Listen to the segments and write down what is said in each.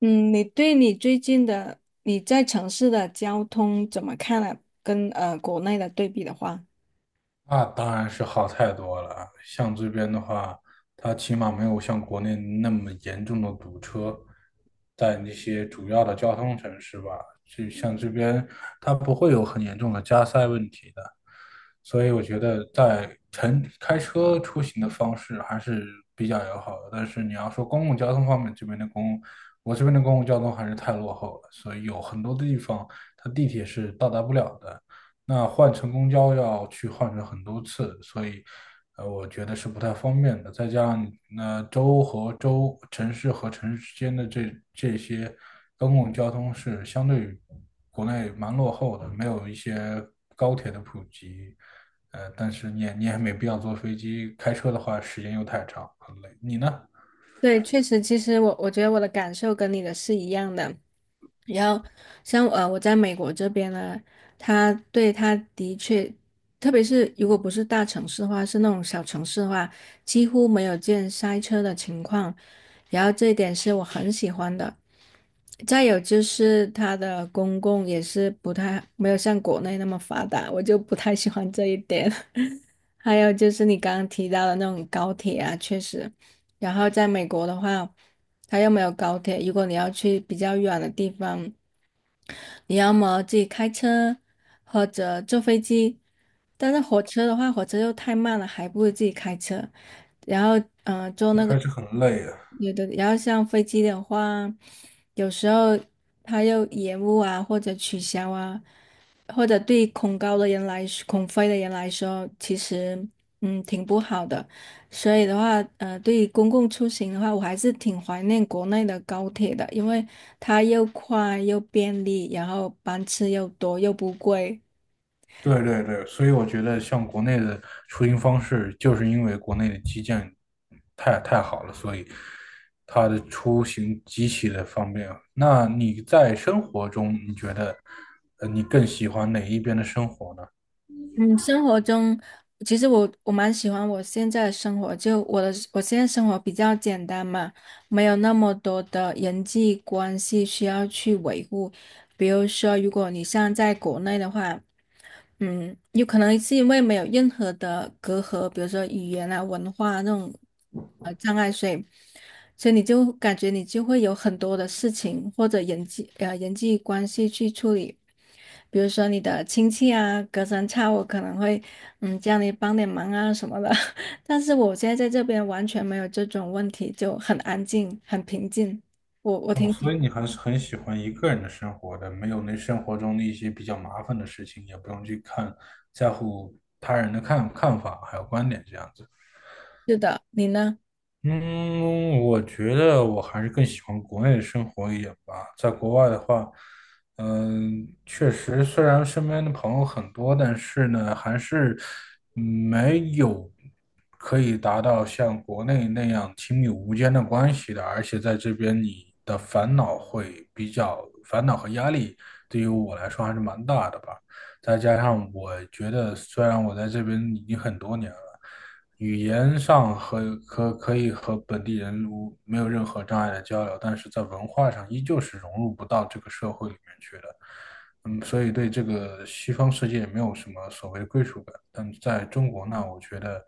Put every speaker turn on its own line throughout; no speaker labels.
嗯，你对你最近的你在城市的交通怎么看呢？跟国内的对比的话，
那当然是好太多了啊。像这边的话，它起码没有像国内那么严重的堵车，在那些主要的交通城市吧，就像这边它不会有很严重的加塞问题的。所以我觉得在城开车出行的方式还是比较友好的。但是你要说公共交通方面，这边的公共，我这边的公共交通还是太落后了，所以有很多的地方它地铁是到达不了的。那换乘公交要去换乘很多次，所以，我觉得是不太方便的。再加上，那州和州、城市和城市之间的这些公共交通是相对于国内蛮落后的，没有一些高铁的普及。但是你也没必要坐飞机，开车的话时间又太长，很累。你呢？
对，确实，其实我觉得我的感受跟你的是一样的。然后像我在美国这边呢，他对他的确，特别是如果不是大城市的话，是那种小城市的话，几乎没有见塞车的情况。然后这一点是我很喜欢的。再有就是它的公共也是不太，没有像国内那么发达，我就不太喜欢这一点。还有就是你刚刚提到的那种高铁啊，确实，然后在美国的话，它又没有高铁，如果你要去比较远的地方，你要么自己开车或者坐飞机，但是火车的话，火车又太慢了，还不如自己开车。然后
开车很累啊。
有的，然后像飞机的话，有时候它又延误啊，或者取消啊，或者对恐高的人来说，恐飞的人来说，其实嗯挺不好的。所以的话，对于公共出行的话，我还是挺怀念国内的高铁的，因为它又快又便利，然后班次又多又不贵。
对对对，所以我觉得像国内的出行方式，就是因为国内的基建太好了，所以它的出行极其的方便。那你在生活中，你觉得你更喜欢哪一边的生活呢？
嗯，生活中其实我蛮喜欢我现在的生活，就我现在生活比较简单嘛，没有那么多的人际关系需要去维护。比如说，如果你像在国内的话，嗯，有可能是因为没有任何的隔阂，比如说语言啊、文化啊那种障碍，所以你就感觉你就会有很多的事情或者人际关系去处理，比如说你的亲戚啊，隔三差五可能会嗯叫你帮点忙啊什么的，但是我现在在这边完全没有这种问题，就很安静、很平静，我
哦，
挺喜
所以
欢。
你还是很喜欢一个人的生活的，没有那生活中的一些比较麻烦的事情，也不用去看在乎他人的看法还有观点这样子。
是的，你呢？
嗯，我觉得我还是更喜欢国内的生活一点吧。在国外的话，嗯，确实，虽然身边的朋友很多，但是呢，还是没有可以达到像国内那样亲密无间的关系的。而且在这边，你的烦恼会比较，烦恼和压力对于我来说还是蛮大的吧。再加上我觉得，虽然我在这边已经很多年了。语言上和可以和本地人无没有任何障碍的交流，但是在文化上依旧是融入不到这个社会里面去的。嗯，所以对这个西方世界没有什么所谓的归属感。但在中国呢，我觉得，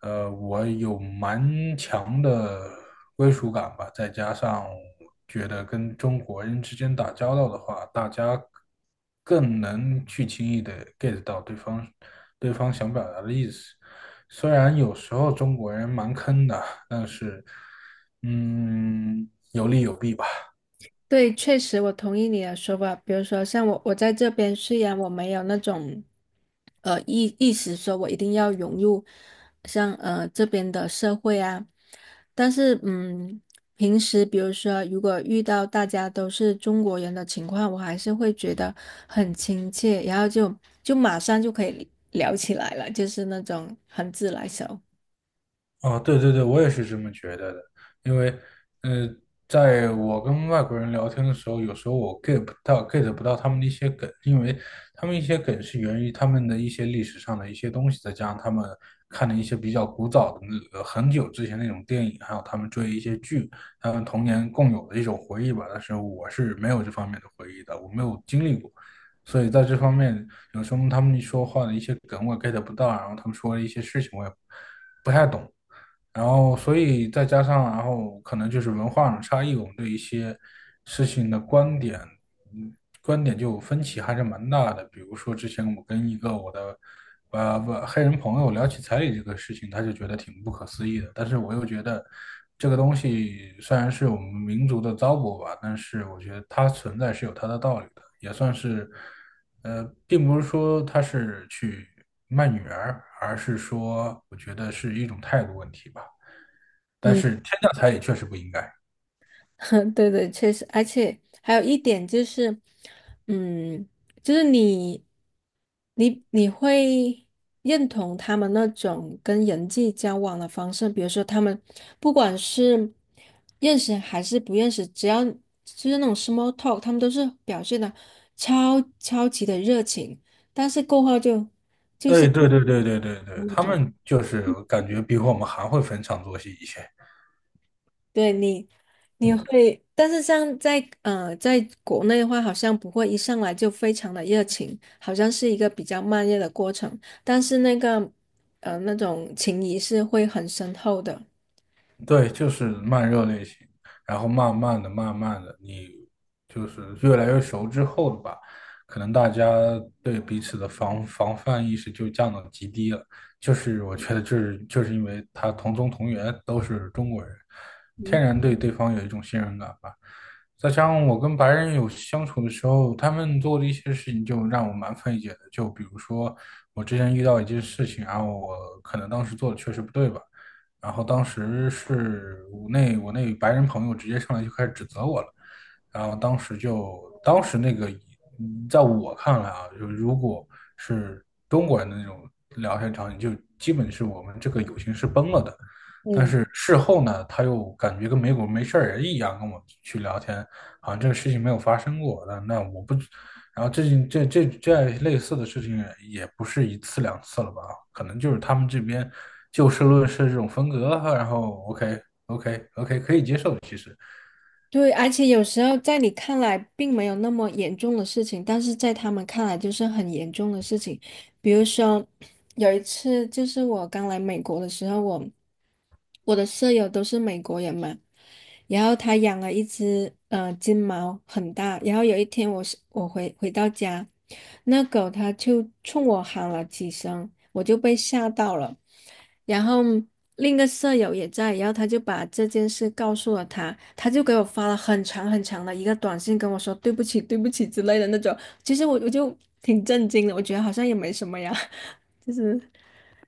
我有蛮强的归属感吧，再加上觉得跟中国人之间打交道的话，大家更能去轻易的 get 到对方想表达的意思。虽然有时候中国人蛮坑的，但是，有利有弊吧。
对，确实我同意你的说法。比如说，像我，我在这边虽然我没有那种，呃，意识说我一定要融入像这边的社会啊，但是嗯，平时比如说如果遇到大家都是中国人的情况，我还是会觉得很亲切，就马上就可以聊起来了，就是那种很自来熟。
哦，对对对，我也是这么觉得的，因为，呃，在我跟外国人聊天的时候，有时候我 get 不到他们的一些梗，因为他们一些梗是源于他们的一些历史上的一些东西，再加上他们看的一些比较古早的很久之前那种电影，还有他们追一些剧，他们童年共有的一种回忆吧。但是我是没有这方面的回忆的，我没有经历过，所以在这方面，有时候他们说话的一些梗我 get 不到，然后他们说的一些事情我也不太懂。所以再加上，然后可能就是文化上的差异，我们对一些事情的观点，嗯，观点就分歧还是蛮大的。比如说之前我跟我的不黑人朋友聊起彩礼这个事情，他就觉得挺不可思议的，但是我又觉得这个东西虽然是我们民族的糟粕吧，但是我觉得它存在是有它的道理的，也算是。并不是说他是去卖女儿，而是说我觉得是一种态度问题吧。但
嗯。
是天降彩礼确实不应该。
对对，确实，而且还有一点就是，嗯，就是你，你会认同他们那种跟人际交往的方式，比如说他们不管是认识还是不认识，只要就是那种 small talk，他们都是表现的超级的热情，但是过后就
哎，对对对对对对，他们就是感觉比我们还会逢场作戏一些。
对你，你会，但是像在在国内的话，好像不会一上来就非常的热情，好像是一个比较慢热的过程。但是那个那种情谊是会很深厚的。
对，就是慢热类型，然后慢慢的、慢慢的，你就是越来越熟之后的吧，可能大家对彼此的防范意识就降到极低了。就是我觉得，就是因为他同宗同源，都是中国人，天然对对方有一种信任感吧。再加上我跟白人有相处的时候，他们做的一些事情就让我蛮费解的。就比如说，我之前遇到一件事情，然后我可能当时做的确实不对吧。然后当时是我那白人朋友直接上来就开始指责我了，然后当时就当时那个，嗯在我看来啊，就如果是中国人的那种聊天场景，就基本是我们这个友情是崩了的。但
嗯，
是事后呢，他又感觉跟没过没事儿人一样跟我去聊天，好像这个事情没有发生过。那那我不，然后这件这这这类似的事情也不是一次两次了吧？可能就是他们这边就事论事这种风格啊，然后 OK OK 可以接受，其实
对，而且有时候在你看来并没有那么严重的事情，但是在他们看来就是很严重的事情。比如说，有一次就是我刚来美国的时候，我的舍友都是美国人嘛，然后他养了一只金毛，很大。然后有一天我回到家，那狗它就冲我喊了几声，我就被吓到了。然后另一个舍友也在，然后他就把这件事告诉了他，他就给我发了很长很长的一个短信，跟我说对不起对不起之类的那种。其实我就挺震惊的，我觉得好像也没什么呀，就是。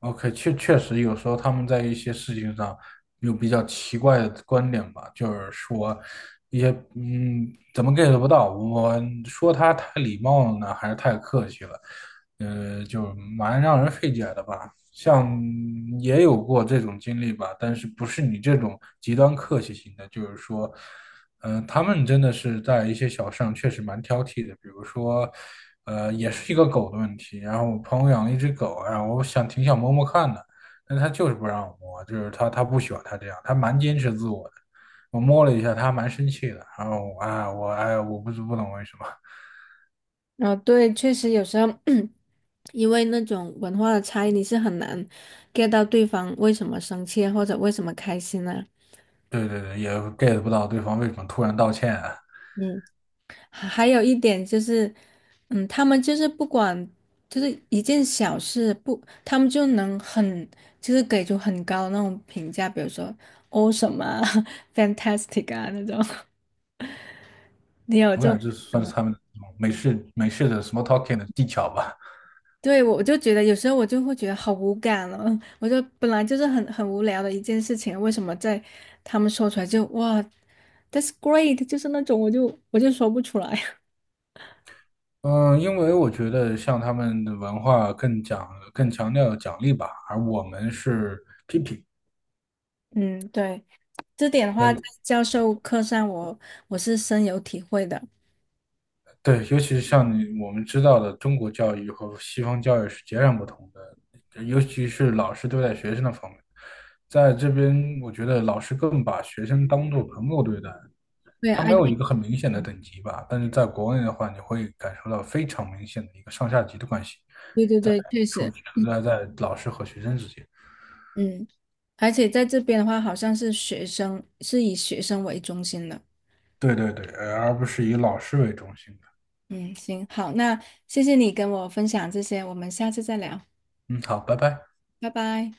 OK 确确实有时候他们在一些事情上有比较奇怪的观点吧，就是说一些嗯怎么 get 不到，我说他太礼貌了呢，还是太客气了，就蛮让人费解的吧。像也有过这种经历吧，但是不是你这种极端客气型的，就是说，他们真的是在一些小事上确实蛮挑剔的，比如说，也是一个狗的问题。然后我朋友养了一只狗，然后我想挺想摸摸看的，但他就是不让我摸，就是他不喜欢他这样，他蛮坚持自我的。我摸了一下，他还蛮生气的。然后我哎，我不懂为什么。
啊，对，确实有时候 因为那种文化的差异，你是很难 get 到对方为什么生气或者为什么开心呢？
对对对，也 get 不到对方为什么突然道歉啊。
嗯，还有一点就是，嗯，他们就是不管就是一件小事不，他们就能很就是给出很高的那种评价，比如说 awesome 啊 fantastic 啊那种。你有
我
这种？
感觉这算
吗？
是他们美式的 small talking 的技巧吧。
对，我就觉得有时候我就会觉得好无感了，我就本来就是很无聊的一件事情，为什么在他们说出来就哇，that's great，就是那种我就说不出来。
嗯，因为我觉得像他们的文化更强调奖励吧，而我们是批评
嗯，对，这点的
和
话，在教授课上我是深有体会的。
对，尤其是像你我们知道的，中国教育和西方教育是截然不同的，尤其是老师对待学生的方面，在这边我觉得老师更把学生当做朋友对待，
对
他没
，I
有一
T，
个很明显的
嗯
等级吧，但是在国内的话，你会感受到非常明显的一个上下级的关系，
对对
在
对，确实，
存在在老师和学生之间。
嗯，而且在这边的话，好像是学生是以学生为中心的。
对对对，呃而不是以老师为中心的。
嗯，行，好，那谢谢你跟我分享这些，我们下次再聊，
嗯，好，拜拜。
拜拜。